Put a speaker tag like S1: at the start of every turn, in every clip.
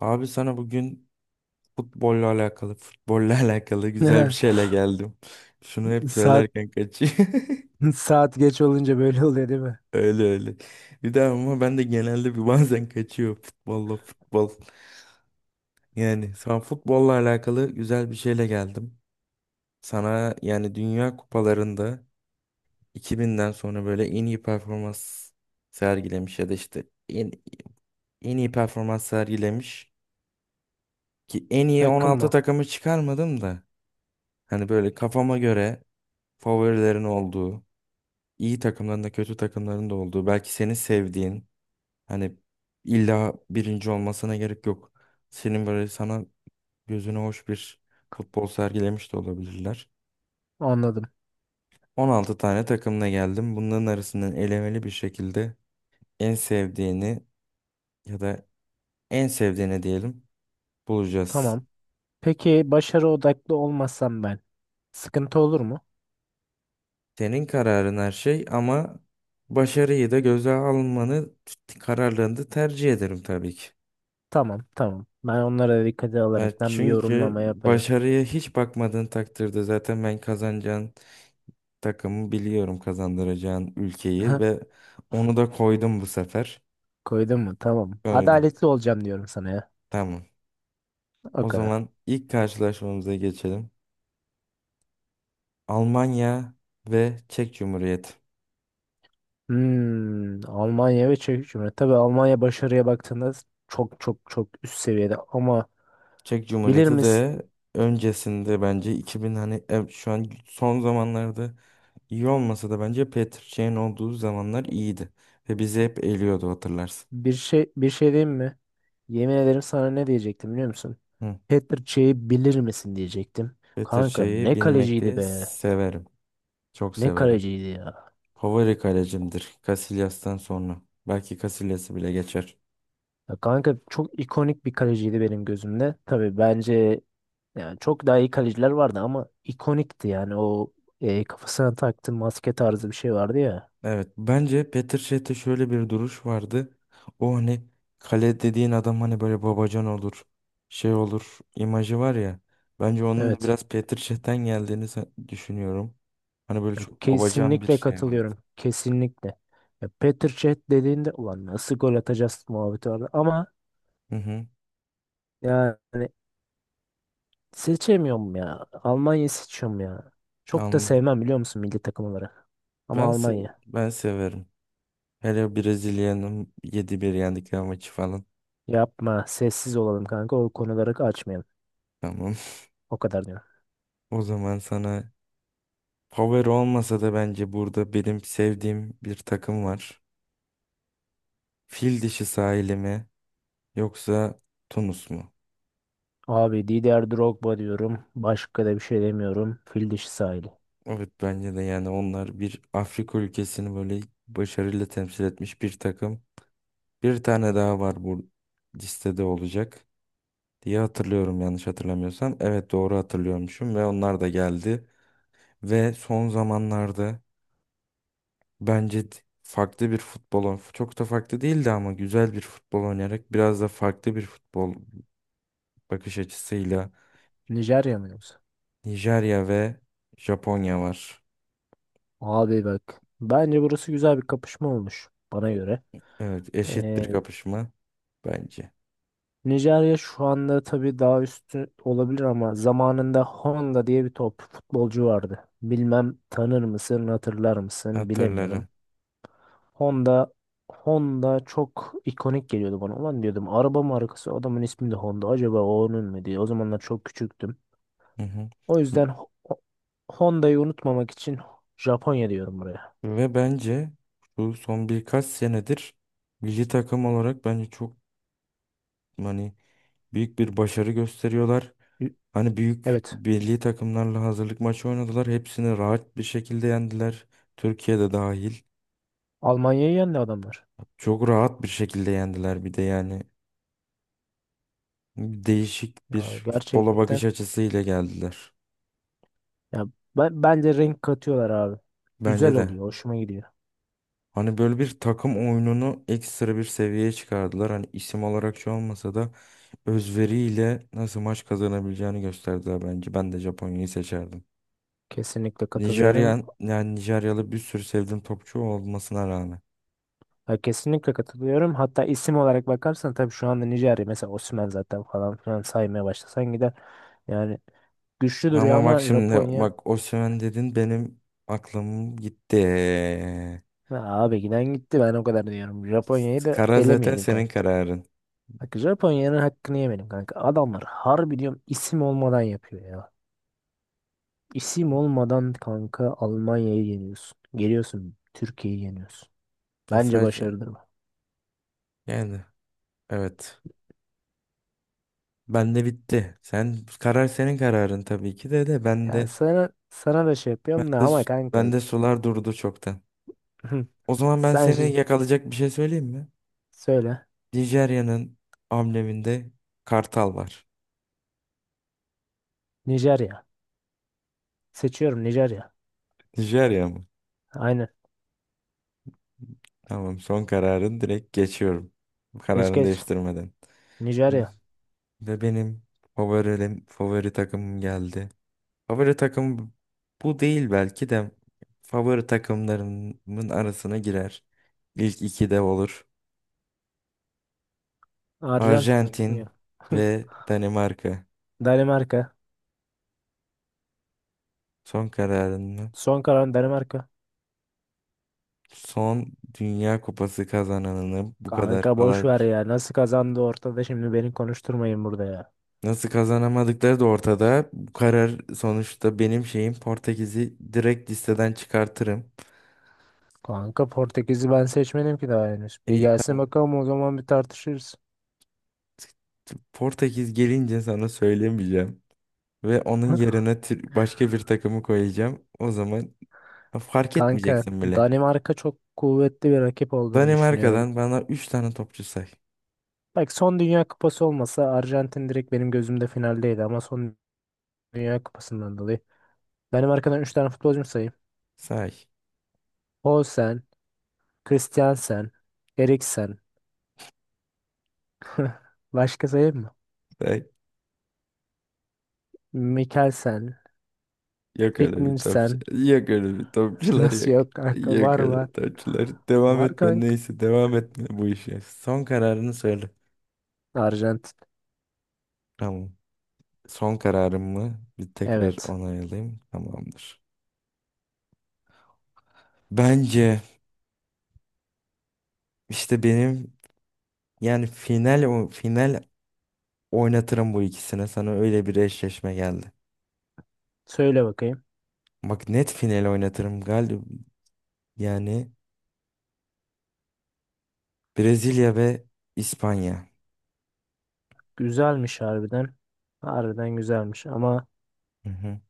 S1: Abi sana bugün futbolla alakalı güzel bir şeyle geldim. Şunu hep
S2: Saat
S1: söylerken kaçıyor.
S2: saat geç olunca böyle oluyor değil mi?
S1: Öyle öyle. Bir de ama ben de genelde bazen kaçıyor futbolla futbol. Yani sana futbolla alakalı güzel bir şeyle geldim. Sana yani Dünya Kupalarında 2000'den sonra böyle en iyi performans sergilemiş ya da işte en iyi performans sergilemiş. Ki en iyi
S2: Takım
S1: 16
S2: mı?
S1: takımı çıkarmadım da. Hani böyle kafama göre favorilerin olduğu, iyi takımların da kötü takımların da olduğu, belki senin sevdiğin, hani illa birinci olmasına gerek yok. Senin böyle sana gözüne hoş bir futbol sergilemiş de olabilirler.
S2: Anladım.
S1: 16 tane takımla geldim. Bunların arasından elemeli bir şekilde en sevdiğini ya da en sevdiğini diyelim bulacağız.
S2: Tamam. Peki başarı odaklı olmasam ben sıkıntı olur mu?
S1: Senin kararın her şey ama başarıyı da göze almanı kararlarını da tercih ederim tabii ki.
S2: Tamam, tamam. Ben onlara dikkate
S1: Ya
S2: alaraktan bir
S1: çünkü
S2: yorumlama yaparım.
S1: başarıya hiç bakmadığın takdirde zaten ben kazanacağın takımı biliyorum, kazandıracağın ülkeyi ve onu da koydum bu sefer.
S2: Koydun mu? Tamam.
S1: Koydum.
S2: Adaletli olacağım diyorum sana ya.
S1: Tamam.
S2: O
S1: O
S2: kadar.
S1: zaman ilk karşılaşmamıza geçelim. Almanya ve Çek Cumhuriyeti.
S2: Hmm, Almanya ve Çek Cumhuriyeti. Tabii Almanya başarıya baktığında çok çok çok üst seviyede ama
S1: Çek
S2: bilir
S1: Cumhuriyeti
S2: misin?
S1: de öncesinde bence 2000 hani şu an son zamanlarda iyi olmasa da bence Petr Çiğ'in olduğu zamanlar iyiydi. Ve bizi hep eliyordu, hatırlarsın.
S2: Bir şey diyeyim mi? Yemin ederim sana ne diyecektim biliyor musun? Petr Çey'i bilir misin diyecektim.
S1: Better
S2: Kanka
S1: şeyi
S2: ne kaleciydi
S1: bilmekteyi
S2: be.
S1: severim. Çok
S2: Ne
S1: severim.
S2: kaleciydi ya.
S1: Favori kalecimdir. Casillas'tan sonra. Belki Casillas'ı bile geçer.
S2: Ya kanka çok ikonik bir kaleciydi benim gözümde. Tabii bence yani çok daha iyi kaleciler vardı ama ikonikti yani o kafasına taktığı maske tarzı bir şey vardı ya.
S1: Evet. Bence Petr Cech'te şöyle bir duruş vardı. O hani kale dediğin adam hani böyle babacan olur. Şey olur, imajı var ya. Bence onun da
S2: Evet.
S1: biraz Petr Cech'ten geldiğini düşünüyorum. Hani böyle
S2: Ya
S1: çok babacan bir
S2: kesinlikle
S1: şey vardı.
S2: katılıyorum. Kesinlikle. Ya Petr Cech dediğinde ulan nasıl gol atacağız muhabbeti vardı ama
S1: Hı hı.
S2: yani seçemiyorum ya. Almanya'yı seçiyorum ya. Çok da
S1: Anladım.
S2: sevmem biliyor musun milli takım olarak. Ama
S1: Ben, se
S2: Almanya.
S1: ben severim. Hele Brezilya'nın 7-1 yendikleri maçı falan.
S2: Yapma. Sessiz olalım kanka. O konuları açmayalım.
S1: Tamam.
S2: O kadar diyorum.
S1: O zaman sana power olmasa da bence burada benim sevdiğim bir takım var. Fil dişi sahili mi yoksa Tunus mu?
S2: Abi Didier Drogba diyorum. Başka da bir şey demiyorum. Fil dişi sahili.
S1: Evet, bence de yani onlar bir Afrika ülkesini böyle başarıyla temsil etmiş bir takım. Bir tane daha var bu listede olacak diye hatırlıyorum, yanlış hatırlamıyorsam. Evet, doğru hatırlıyormuşum ve onlar da geldi. Ve son zamanlarda bence farklı bir futbol çok da farklı değildi ama güzel bir futbol oynayarak biraz da farklı bir futbol bakış açısıyla
S2: Nijerya mı yoksa?
S1: Nijerya ve Japonya var.
S2: Abi bak. Bence burası güzel bir kapışma olmuş. Bana göre.
S1: Evet, eşit
S2: Ee,
S1: bir kapışma bence.
S2: Nijerya şu anda tabii daha üstü olabilir ama zamanında Honda diye bir top futbolcu vardı. Bilmem tanır mısın, hatırlar mısın bilemiyorum.
S1: Hatırlarım.
S2: Honda Honda çok ikonik geliyordu bana. Ulan diyordum araba markası adamın ismi de Honda. Acaba o onun mu diye. O zamanlar çok küçüktüm.
S1: Hı hı.
S2: O yüzden Honda'yı unutmamak için Japonya diyorum buraya.
S1: Ve bence bu son birkaç senedir milli takım olarak bence çok hani büyük bir başarı gösteriyorlar.
S2: Y-
S1: Hani büyük
S2: Evet.
S1: milli takımlarla hazırlık maçı oynadılar. Hepsini rahat bir şekilde yendiler. Türkiye'de dahil.
S2: Almanya'yı yendi adamlar.
S1: Çok rahat bir şekilde yendiler bir de yani. Değişik
S2: Ya
S1: bir futbola
S2: gerçekten.
S1: bakış açısıyla geldiler.
S2: Ya ben, bence renk katıyorlar abi. Güzel
S1: Bence de.
S2: oluyor. Hoşuma gidiyor.
S1: Hani böyle bir takım oyununu ekstra bir seviyeye çıkardılar. Hani isim olarak şu olmasa da özveriyle nasıl maç kazanabileceğini gösterdiler bence. Ben de Japonya'yı seçerdim.
S2: Kesinlikle katılıyorum.
S1: Yani Nijeryalı bir sürü sevdiğim topçu olmasına rağmen.
S2: Ya kesinlikle katılıyorum. Hatta isim olarak bakarsan tabii şu anda Nijerya mesela Osimhen zaten falan filan saymaya başlasan gider. Yani güçlü duruyor
S1: Ama bak
S2: ama
S1: şimdi
S2: Japonya.
S1: bak Osimhen dedin, benim aklım gitti.
S2: Ya abi giden gitti ben o kadar diyorum. Japonya'yı da
S1: Kara zaten
S2: elemeyelim
S1: senin
S2: kanka.
S1: kararın.
S2: Bak Japonya'nın hakkını yemeyelim kanka. Adamlar harbi diyorum isim olmadan yapıyor ya. İsim olmadan kanka Almanya'yı yeniyorsun. Geliyorsun Türkiye'yi yeniyorsun. Bence
S1: Mesaj.
S2: başarıdır bu.
S1: Yani evet. Ben de bitti. Sen karar senin kararın tabii ki de ben
S2: Yani
S1: de
S2: sana da şey yapıyorum da
S1: de
S2: ama kanka
S1: ben de sular durdu çoktan. O zaman ben
S2: sen
S1: seni
S2: şi-
S1: yakalayacak bir şey söyleyeyim mi?
S2: söyle.
S1: Nijerya'nın ambleminde kartal var.
S2: Nijerya. Seçiyorum Nijerya.
S1: Nijerya mı?
S2: Aynen.
S1: Tamam, son kararın, direkt geçiyorum. Bu
S2: Geç
S1: kararını
S2: geç.
S1: değiştirmeden.
S2: Nijerya.
S1: Ve benim favori takımım geldi. Favori takım bu değil, belki de favori takımlarımın arasına girer. İlk iki de olur.
S2: Arjantin mi? Kim ya?
S1: Arjantin ve Danimarka.
S2: Danimarka.
S1: Son kararın mı?
S2: Son kalan Danimarka.
S1: Son Dünya Kupası kazananını bu kadar
S2: Kanka boş ver
S1: kolaymış.
S2: ya. Nasıl kazandı ortada şimdi beni konuşturmayın burada ya.
S1: Nasıl kazanamadıkları da ortada. Bu karar sonuçta benim şeyim, Portekiz'i direkt listeden çıkartırım.
S2: Kanka Portekiz'i ben seçmedim ki daha henüz. Bir
S1: İyi,
S2: gelsin
S1: tamam.
S2: bakalım o zaman bir tartışırız.
S1: Portekiz gelince sana söylemeyeceğim. Ve onun yerine başka bir takımı koyacağım. O zaman fark
S2: Kanka
S1: etmeyeceksin bile.
S2: Danimarka çok kuvvetli bir rakip olduğunu düşünüyorum.
S1: Danimarka'dan bana 3 tane topçu say.
S2: Bak son Dünya Kupası olmasa Arjantin direkt benim gözümde finaldeydi ama son Dünya Kupası'ndan dolayı. Danimarka'dan 3 tane futbolcum sayayım.
S1: Say.
S2: Poulsen, Christiansen, Eriksen. Başka sayayım mı?
S1: Say.
S2: Mikkelsen,
S1: Yok öyle bir topçu.
S2: Fiknirsen,
S1: Yok öyle bir topçular
S2: nasıl
S1: yok.
S2: yok kanka?
S1: Yok
S2: Var var.
S1: öyle topçular. Devam
S2: Var
S1: etme,
S2: kanka.
S1: neyse devam etme bu işe. Son kararını söyle.
S2: Arjantin.
S1: Tamam. Son kararım mı? Bir tekrar
S2: Evet.
S1: onaylayayım. Tamamdır. Bence işte benim yani final final oynatırım bu ikisine. Sana öyle bir eşleşme geldi.
S2: Söyle bakayım.
S1: Bak net final oynatırım galiba. Yani Brezilya ve İspanya.
S2: Güzelmiş harbiden. Harbiden güzelmiş ama
S1: Hı hı.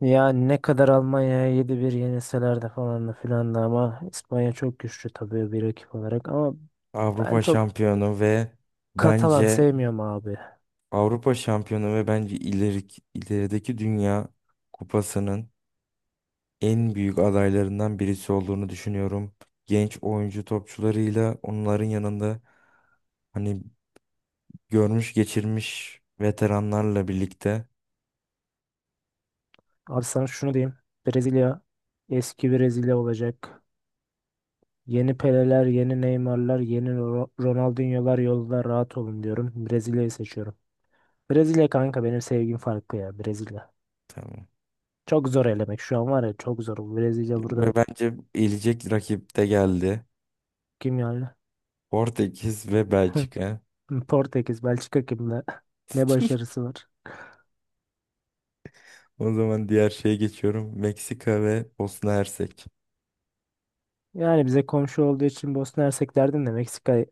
S2: ya ne kadar Almanya'ya 7-1 yenilseler de falan da filan da ama İspanya çok güçlü tabii bir rakip olarak ama ben
S1: Avrupa
S2: çok
S1: şampiyonu ve
S2: Katalan
S1: bence
S2: sevmiyorum abi.
S1: Avrupa şampiyonu ve bence ilerideki Dünya Kupası'nın en büyük adaylarından birisi olduğunu düşünüyorum. Genç oyuncu topçularıyla onların yanında hani görmüş geçirmiş veteranlarla birlikte.
S2: Abi sana şunu diyeyim. Brezilya eski Brezilya olacak. Yeni Peleler, yeni Neymar'lar, yeni Ronaldinho'lar yolda rahat olun diyorum. Brezilya'yı seçiyorum. Brezilya kanka benim sevgim farklı ya Brezilya.
S1: Tamam.
S2: Çok zor elemek şu an var ya çok zor. Brezilya burada
S1: Ve bence elecek rakip de geldi.
S2: kim yani?
S1: Portekiz ve Belçika.
S2: Portekiz, Belçika kimle? Ne başarısı var?
S1: O zaman diğer şeye geçiyorum. Meksika ve Bosna Hersek.
S2: Yani bize komşu olduğu için Bosna Hersek derdim de Meksika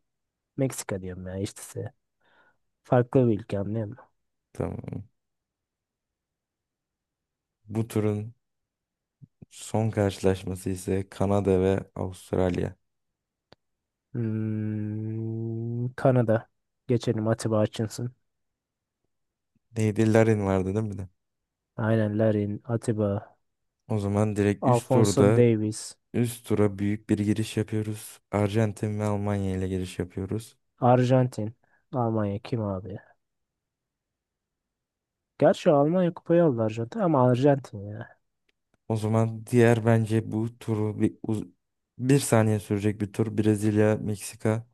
S2: Meksika diyorum ya işte size. Farklı bir ülke anlıyor musun?
S1: Tamam. Bu turun son karşılaşması ise Kanada ve Avustralya.
S2: Hmm, Kanada. Geçelim Atiba Hutchinson.
S1: Neydi? Larin vardı değil mi de?
S2: Aynen Larin, Atiba,
S1: O zaman direkt
S2: Alfonso Davies,
S1: üst tura büyük bir giriş yapıyoruz. Arjantin ve Almanya ile giriş yapıyoruz.
S2: Arjantin. Almanya kim abi? Gerçi Almanya kupayı aldı Arjantin ama Arjantin ya.
S1: O zaman diğer bence bu turu bir saniye sürecek bir tur. Brezilya, Meksika.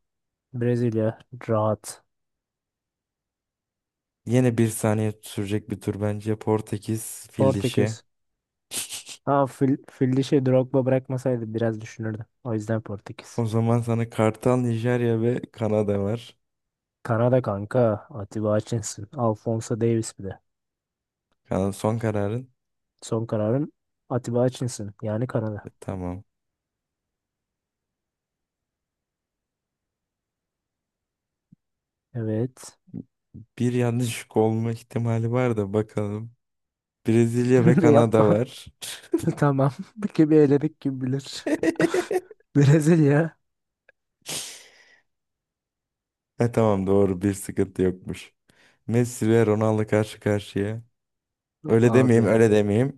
S2: Brezilya rahat.
S1: Yine bir saniye sürecek bir tur bence. Portekiz, fil dişi.
S2: Portekiz. Ha Fildişi Drogba bırakmasaydı biraz düşünürdüm. O yüzden Portekiz.
S1: O zaman sana Kartal, Nijerya ve Kanada var.
S2: Kanada kanka. Atiba Hutchinson. Alphonso Davies bir de.
S1: Kanada son kararın.
S2: Son kararım Atiba Hutchinson. Yani
S1: E,
S2: Kanada.
S1: tamam.
S2: Evet.
S1: Bir yanlışlık olma ihtimali var da bakalım. Brezilya ve Kanada
S2: Yapma.
S1: var.
S2: Tamam. Kimi eledik kim bilir. Brezilya.
S1: E tamam, doğru, bir sıkıntı yokmuş. Messi ve Ronaldo karşı karşıya. Öyle demeyeyim,
S2: Abi.
S1: öyle demeyeyim.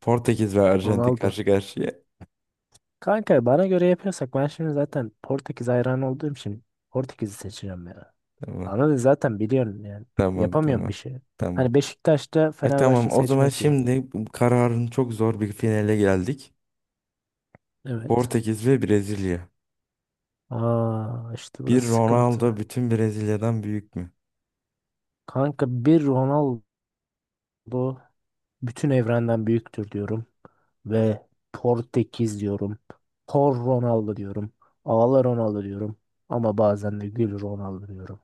S1: Portekiz ve Arjantin
S2: Ronaldo.
S1: karşı karşıya.
S2: Kanka bana göre yapıyorsak ben şimdi zaten Portekiz hayranı olduğum için Portekiz'i seçeceğim ya.
S1: Tamam,
S2: Ama zaten biliyorum yani.
S1: tamam,
S2: Yapamıyorum bir
S1: tamam.
S2: şey.
S1: Tamam.
S2: Hani Beşiktaş'ta
S1: E
S2: Fenerbahçe
S1: tamam, o zaman
S2: seçmek gibi.
S1: şimdi bu kararın, çok zor bir finale geldik.
S2: Evet.
S1: Portekiz ve Brezilya.
S2: Aa işte
S1: Bir
S2: burası
S1: Ronaldo
S2: sıkıntı.
S1: bütün Brezilya'dan büyük mü?
S2: Kanka bir Ronaldo bütün evrenden büyüktür diyorum. Ve Portekiz diyorum. Por Ronaldo diyorum. Ağla Ronaldo diyorum. Ama bazen de gül Ronaldo diyorum.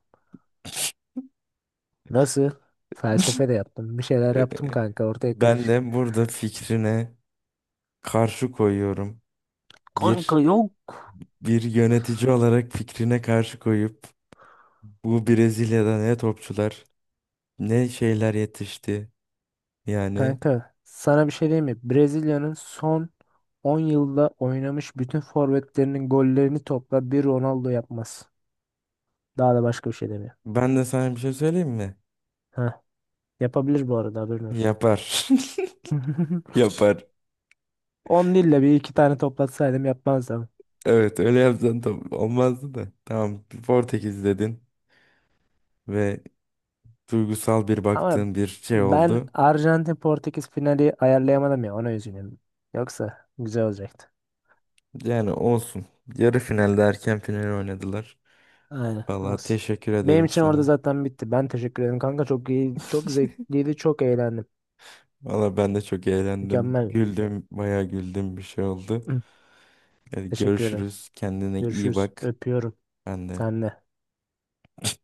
S2: Nasıl? Felsefe de yaptım. Bir şeyler yaptım kanka. Ortaya
S1: Ben
S2: karışık.
S1: de burada fikrine karşı koyuyorum.
S2: Kanka
S1: Bir
S2: yok.
S1: bir yönetici olarak fikrine karşı koyup bu Brezilya'da ne topçular ne şeyler yetişti. Yani
S2: Kanka sana bir şey diyeyim mi? Brezilya'nın son 10 yılda oynamış bütün forvetlerinin gollerini topla bir Ronaldo yapmaz. Daha da başka bir şey demiyor.
S1: ben de sana bir şey söyleyeyim mi?
S2: Heh, yapabilir bu arada haberin olsun.
S1: Yapar. Yapar.
S2: 10 değil de bir iki tane toplatsaydım yapmazdım.
S1: Evet, öyle yapsan tam olmazdı da. Tamam, Portekiz dedin ve duygusal bir
S2: Ama
S1: baktığın bir şey
S2: ben
S1: oldu.
S2: Arjantin Portekiz finali ayarlayamadım ya ona üzülüyorum. Yoksa güzel olacaktı.
S1: Yani olsun. Yarı finalde erken final oynadılar.
S2: Aynen
S1: Vallahi
S2: olsun.
S1: teşekkür
S2: Benim
S1: ederim
S2: için orada
S1: sana.
S2: zaten bitti. Ben teşekkür ederim kanka. Çok iyi, çok zevkliydi, çok eğlendim.
S1: Valla ben de çok eğlendim.
S2: Mükemmel.
S1: Güldüm, bayağı güldüm, bir şey oldu. Hadi
S2: Teşekkür ederim.
S1: görüşürüz. Kendine iyi
S2: Görüşürüz.
S1: bak.
S2: Öpüyorum.
S1: Ben de.
S2: Sen de.